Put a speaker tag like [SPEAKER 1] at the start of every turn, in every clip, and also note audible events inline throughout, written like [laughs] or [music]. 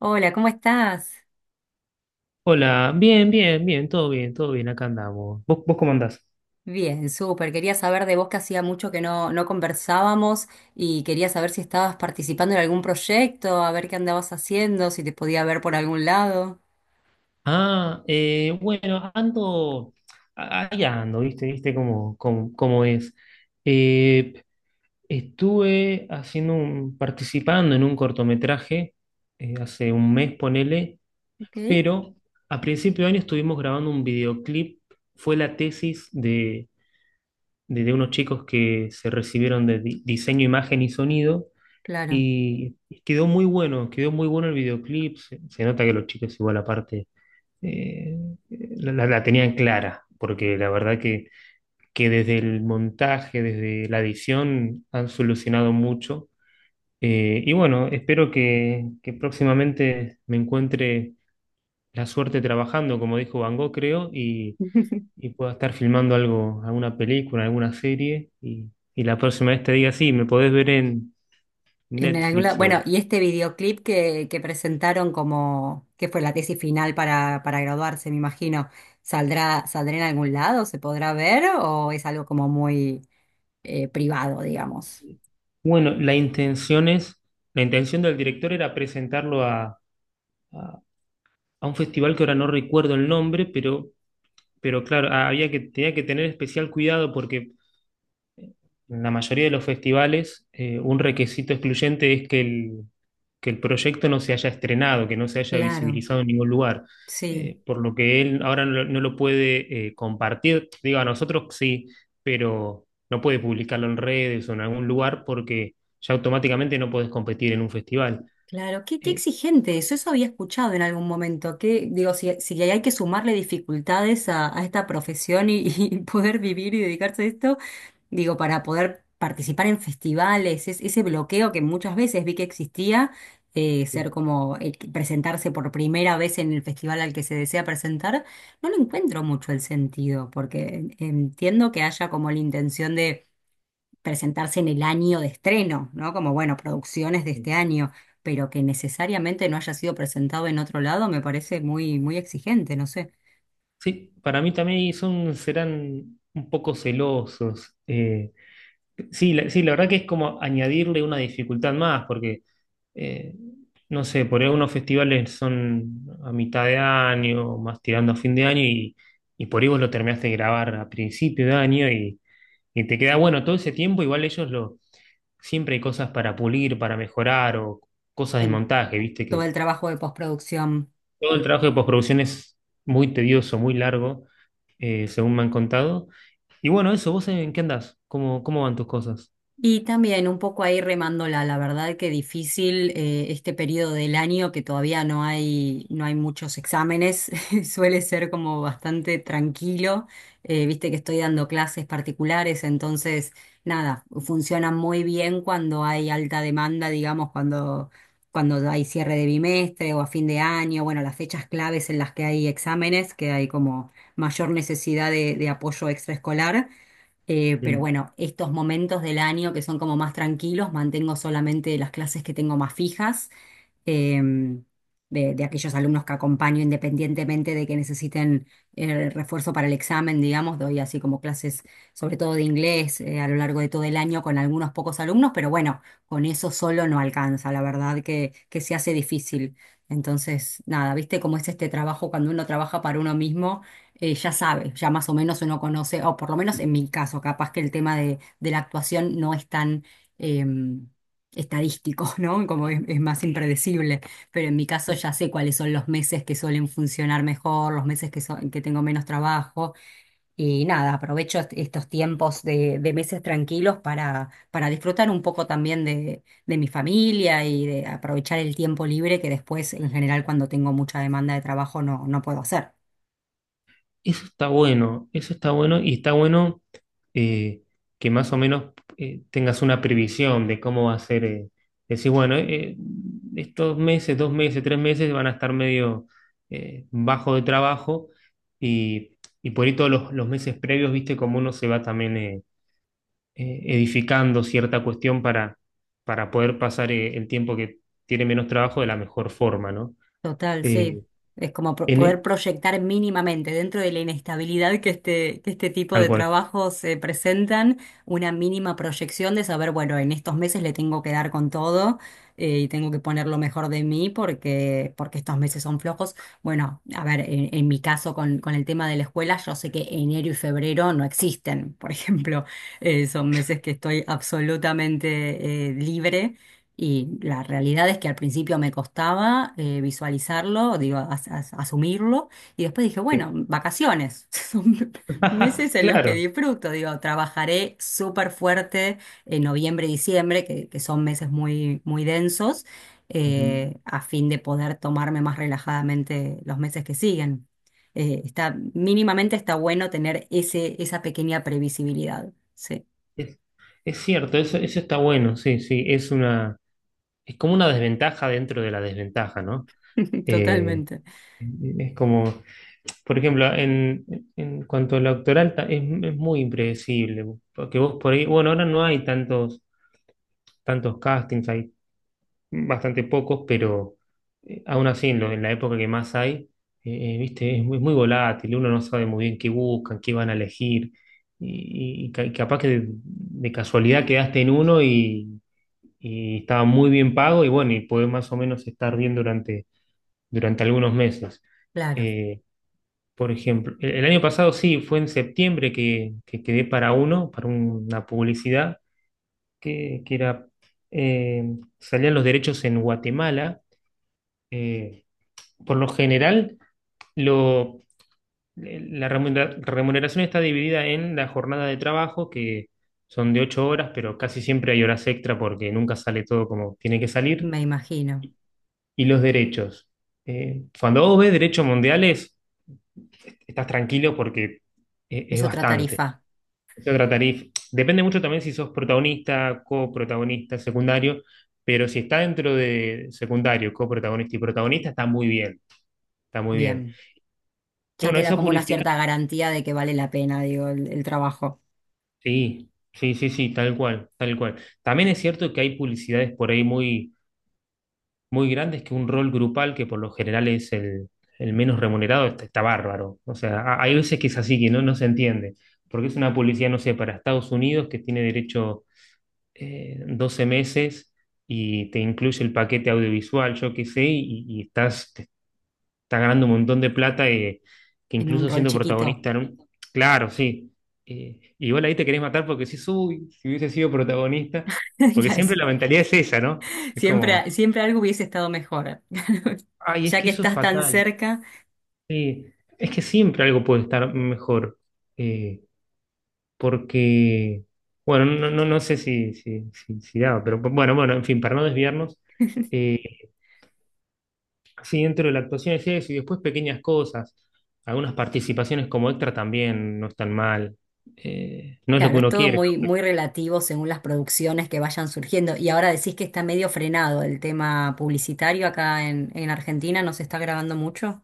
[SPEAKER 1] Hola, ¿cómo estás?
[SPEAKER 2] Hola, bien, bien, bien, todo bien, todo bien, acá andamos. ¿Vos cómo andás?
[SPEAKER 1] Bien, súper. Quería saber de vos que hacía mucho que no conversábamos y quería saber si estabas participando en algún proyecto, a ver qué andabas haciendo, si te podía ver por algún lado.
[SPEAKER 2] Ah, bueno, ando, ahí ando, viste cómo es. Eh, estuve haciendo participando en un cortometraje hace un mes, ponele,
[SPEAKER 1] Ok,
[SPEAKER 2] pero a principio de año estuvimos grabando un videoclip. Fue la tesis de unos chicos que se recibieron de diseño, imagen y sonido.
[SPEAKER 1] claro.
[SPEAKER 2] Y quedó muy bueno el videoclip. Se nota que los chicos igual aparte eh, la tenían clara, porque la verdad que desde el montaje, desde la edición, han solucionado mucho. Y bueno, espero que próximamente me encuentre la suerte trabajando, como dijo Van Gogh, creo, y,
[SPEAKER 1] [laughs]
[SPEAKER 2] y pueda estar filmando algo, alguna película, alguna serie. Y la próxima vez te diga, sí, me podés ver en
[SPEAKER 1] En algún lado.
[SPEAKER 2] Netflix.
[SPEAKER 1] Bueno, y este videoclip que presentaron como que fue la tesis final para graduarse, me imagino, ¿saldrá en algún lado? ¿Se podrá ver? ¿O es algo como muy privado, digamos?
[SPEAKER 2] Bueno, la intención es, la intención del director era presentarlo a, a- a un festival que ahora no recuerdo el nombre, pero claro, tenía que tener especial cuidado porque en la mayoría de los festivales, un requisito excluyente es que el proyecto no se haya estrenado, que no se haya
[SPEAKER 1] Claro,
[SPEAKER 2] visibilizado en ningún lugar.
[SPEAKER 1] sí.
[SPEAKER 2] Por lo que él ahora no lo puede compartir, digo, a nosotros sí, pero no puede publicarlo en redes o en algún lugar porque ya automáticamente no podés competir en un festival.
[SPEAKER 1] Claro, qué
[SPEAKER 2] Eh,
[SPEAKER 1] exigente eso, eso había escuchado en algún momento, que digo, si hay que sumarle dificultades a esta profesión y, [laughs] y poder vivir y dedicarse a esto, digo, para poder participar en festivales, ese bloqueo que muchas veces vi que existía, ser
[SPEAKER 2] eh,
[SPEAKER 1] como que presentarse por primera vez en el festival al que se desea presentar, no lo encuentro mucho el sentido, porque entiendo que haya como la intención de presentarse en el año de estreno, ¿no? Como, bueno, producciones de
[SPEAKER 2] eh.
[SPEAKER 1] este año, pero que necesariamente no haya sido presentado en otro lado, me parece muy, muy exigente, no sé,
[SPEAKER 2] Sí, para mí también serán un poco celosos. Sí, la verdad que es como añadirle una dificultad más, porque eh, no sé, por ahí unos festivales son a mitad de año, más tirando a fin de año, y por ahí vos lo terminaste de grabar a principio de año y te queda bueno todo ese tiempo, igual ellos siempre hay cosas para pulir, para mejorar, o cosas del
[SPEAKER 1] en
[SPEAKER 2] montaje, viste
[SPEAKER 1] todo
[SPEAKER 2] que
[SPEAKER 1] el trabajo de postproducción.
[SPEAKER 2] todo el trabajo de postproducción es muy tedioso, muy largo, según me han contado. Y bueno, eso, ¿vos en qué andás? ¿Cómo van tus cosas?
[SPEAKER 1] Y también un poco ahí remándola, la verdad que difícil este periodo del año que todavía no hay muchos exámenes, [laughs] suele ser como bastante tranquilo. Viste que estoy dando clases particulares, entonces nada, funciona muy bien cuando hay alta demanda, digamos, cuando hay cierre de bimestre o a fin de año, bueno, las fechas claves en las que hay exámenes, que hay como mayor necesidad de apoyo extraescolar. Pero
[SPEAKER 2] Mm.
[SPEAKER 1] bueno, estos momentos del año que son como más tranquilos, mantengo solamente las clases que tengo más fijas, em, de aquellos alumnos que acompaño independientemente de que necesiten refuerzo para el examen, digamos, doy así como clases sobre todo de inglés a lo largo de todo el año con algunos pocos alumnos, pero bueno, con eso solo no alcanza, la verdad que se hace difícil. Entonces, nada, ¿viste cómo es este trabajo cuando uno trabaja para uno mismo? Ya sabe, ya más o menos uno conoce, o por lo menos en mi caso, capaz que el tema de la actuación no es tan, em, estadístico, [laughs] ¿no? Como es más impredecible, pero en mi caso ya sé cuáles son los meses que suelen funcionar mejor, los meses que tengo menos trabajo y nada, aprovecho estos tiempos de meses tranquilos para disfrutar un poco también de mi familia y de aprovechar el tiempo libre que después en general cuando tengo mucha demanda de trabajo no puedo hacer.
[SPEAKER 2] Eso está bueno y está bueno eh, que más o menos tengas una previsión de cómo va a ser. Decir, bueno, estos meses, 2 meses, 3 meses van a estar medio bajo de trabajo y, y por ahí todos los meses previos, viste cómo uno se va también edificando cierta cuestión para poder pasar el tiempo que tiene menos trabajo de la mejor forma, ¿no?
[SPEAKER 1] Total, sí.
[SPEAKER 2] Eh,
[SPEAKER 1] Es como poder
[SPEAKER 2] en,
[SPEAKER 1] proyectar mínimamente dentro de la inestabilidad que este tipo
[SPEAKER 2] tal
[SPEAKER 1] de
[SPEAKER 2] cual.
[SPEAKER 1] trabajos se presentan, una mínima proyección de saber, bueno, en estos meses le tengo que dar con todo y tengo que poner lo mejor de mí porque estos meses son flojos. Bueno, a ver, en mi caso con el tema de la escuela, yo sé que enero y febrero no existen, por [laughs] ejemplo. Son meses que estoy absolutamente libre y la realidad es que al principio me costaba visualizarlo, digo, asumirlo, y después dije, bueno,
[SPEAKER 2] Sí.
[SPEAKER 1] vacaciones, [laughs] son meses
[SPEAKER 2] [laughs]
[SPEAKER 1] en los que
[SPEAKER 2] Claro.
[SPEAKER 1] disfruto, digo, trabajaré súper fuerte en noviembre y diciembre, que son meses muy, muy densos,
[SPEAKER 2] Ujú.
[SPEAKER 1] a fin de poder tomarme más relajadamente los meses que siguen. Está, mínimamente está bueno tener esa pequeña previsibilidad, sí,
[SPEAKER 2] Es, es cierto, eso está bueno, sí, sí, es como una desventaja dentro de la desventaja, ¿no?
[SPEAKER 1] [laughs]
[SPEAKER 2] Eh,
[SPEAKER 1] totalmente,
[SPEAKER 2] es como, por ejemplo, en cuanto a la doctoral es muy impredecible, porque vos por ahí, bueno, ahora no hay tantos castings, hay bastante pocos, pero aún así en la época que más hay, viste, es muy, muy volátil, uno no sabe muy bien qué buscan, qué van a elegir, y capaz que de casualidad quedaste en uno y estaba muy bien pago y bueno, y pude más o menos estar bien durante algunos meses.
[SPEAKER 1] claro,
[SPEAKER 2] Eh, por ejemplo, el año pasado sí, fue en septiembre que quedé para uno, para una publicidad que era, eh, salían los derechos en Guatemala. Eh, por lo general, lo, la remuneración está dividida en la jornada de trabajo que, son de 8 horas, pero casi siempre hay horas extra porque nunca sale todo como tiene que salir.
[SPEAKER 1] me imagino.
[SPEAKER 2] Y los derechos. Cuando vos ves derechos mundiales, estás tranquilo porque
[SPEAKER 1] Es
[SPEAKER 2] es
[SPEAKER 1] otra
[SPEAKER 2] bastante.
[SPEAKER 1] tarifa.
[SPEAKER 2] Es otra tarifa. Depende mucho también si sos protagonista, coprotagonista, secundario, pero si está dentro de secundario, coprotagonista y protagonista, está muy bien, está muy bien.
[SPEAKER 1] Bien.
[SPEAKER 2] Y
[SPEAKER 1] Ya
[SPEAKER 2] bueno,
[SPEAKER 1] te da
[SPEAKER 2] esa
[SPEAKER 1] como una
[SPEAKER 2] publicidad,
[SPEAKER 1] cierta garantía de que vale la pena, digo, el trabajo
[SPEAKER 2] sí, sí, sí, sí, tal cual, tal cual. También es cierto que hay publicidades por ahí muy muy grandes que un rol grupal, que por lo general es el menos remunerado, está, está bárbaro. O sea, hay veces que es así, que no se entiende, porque es una publicidad, no sé, para Estados Unidos que tiene derecho 12 meses y te incluye el paquete audiovisual, yo qué sé, y te estás ganando un montón de plata que
[SPEAKER 1] en un
[SPEAKER 2] incluso
[SPEAKER 1] rol
[SPEAKER 2] siendo
[SPEAKER 1] chiquito.
[SPEAKER 2] protagonista, ¿no? Claro, sí. Igual ahí te querés matar porque uy, si hubiese sido protagonista,
[SPEAKER 1] [laughs]
[SPEAKER 2] porque
[SPEAKER 1] Ya es-
[SPEAKER 2] siempre la mentalidad es esa, ¿no? Es como,
[SPEAKER 1] Siempre, siempre algo hubiese estado mejor. [laughs]
[SPEAKER 2] ay, es
[SPEAKER 1] Ya
[SPEAKER 2] que
[SPEAKER 1] que
[SPEAKER 2] eso es
[SPEAKER 1] estás tan
[SPEAKER 2] fatal.
[SPEAKER 1] cerca,
[SPEAKER 2] Sí, es que siempre algo puede estar mejor, eh, porque, bueno, no, no, no sé si daba, pero bueno, en fin, para no desviarnos, eh, sí, dentro de la actuación es eso, y después pequeñas cosas, algunas participaciones como extra también no están mal, no es lo que
[SPEAKER 1] claro, es
[SPEAKER 2] uno
[SPEAKER 1] todo
[SPEAKER 2] quiere, ¿no?
[SPEAKER 1] muy,
[SPEAKER 2] Pero.
[SPEAKER 1] muy relativo según las producciones que vayan surgiendo. Y ahora decís que está medio frenado el tema publicitario acá en Argentina, ¿no se está grabando mucho?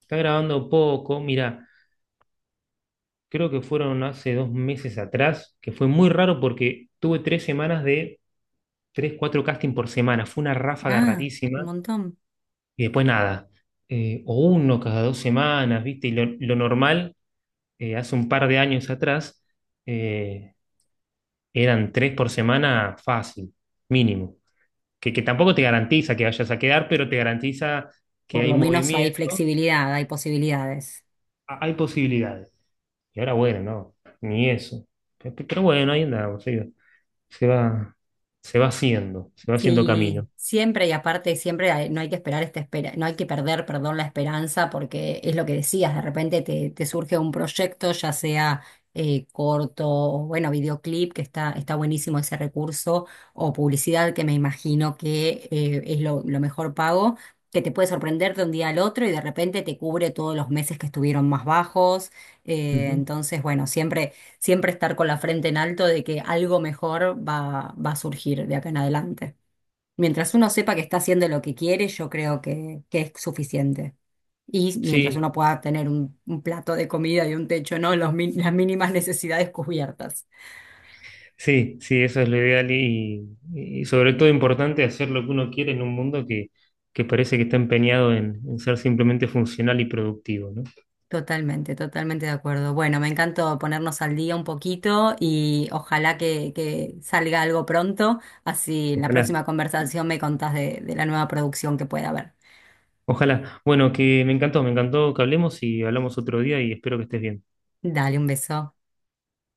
[SPEAKER 2] Está grabando poco, mira, creo que fueron hace 2 meses atrás, que fue muy raro porque tuve 3 semanas de tres, cuatro casting por semana, fue una ráfaga
[SPEAKER 1] Ah,
[SPEAKER 2] rarísima.
[SPEAKER 1] un montón.
[SPEAKER 2] Y después nada, o uno cada 2 semanas, ¿viste? Y lo normal, hace un par de años atrás, eh, eran tres por semana fácil, mínimo. Que tampoco te garantiza que vayas a quedar, pero te garantiza que
[SPEAKER 1] Por
[SPEAKER 2] hay
[SPEAKER 1] lo menos hay
[SPEAKER 2] movimiento,
[SPEAKER 1] flexibilidad, hay posibilidades.
[SPEAKER 2] hay posibilidades. Y ahora, bueno, no, ni eso. Pero bueno, ahí andamos, sí, se va, se va haciendo
[SPEAKER 1] Sí,
[SPEAKER 2] camino.
[SPEAKER 1] siempre y aparte siempre hay- no hay que esperar esta espera, no hay que perder, perdón, la esperanza porque es lo que decías, de repente te surge un proyecto, ya sea corto o bueno, videoclip, que está, está buenísimo ese recurso, o publicidad, que me imagino que es lo mejor pago, que te puede sorprender de un día al otro y de repente te cubre todos los meses que estuvieron más bajos.
[SPEAKER 2] Ujú.
[SPEAKER 1] Entonces, bueno, siempre estar con la frente en alto de que algo mejor va a surgir de acá en adelante. Mientras uno sepa que está haciendo lo que quiere, yo creo que es suficiente. Y mientras
[SPEAKER 2] Sí,
[SPEAKER 1] uno pueda tener un plato de comida y un techo, ¿no? Los las mínimas necesidades cubiertas.
[SPEAKER 2] sí, sí, eso es lo ideal y sobre todo importante hacer lo que uno quiere en un mundo que parece que está empeñado en ser simplemente funcional y productivo, ¿no?
[SPEAKER 1] Totalmente, totalmente de acuerdo. Bueno, me encantó ponernos al día un poquito y ojalá que salga algo pronto. Así en la
[SPEAKER 2] Ojalá,
[SPEAKER 1] próxima conversación me contás de la nueva producción que pueda haber.
[SPEAKER 2] ojalá. Bueno, que me encantó que hablemos y hablamos otro día y espero que estés bien.
[SPEAKER 1] Dale un beso.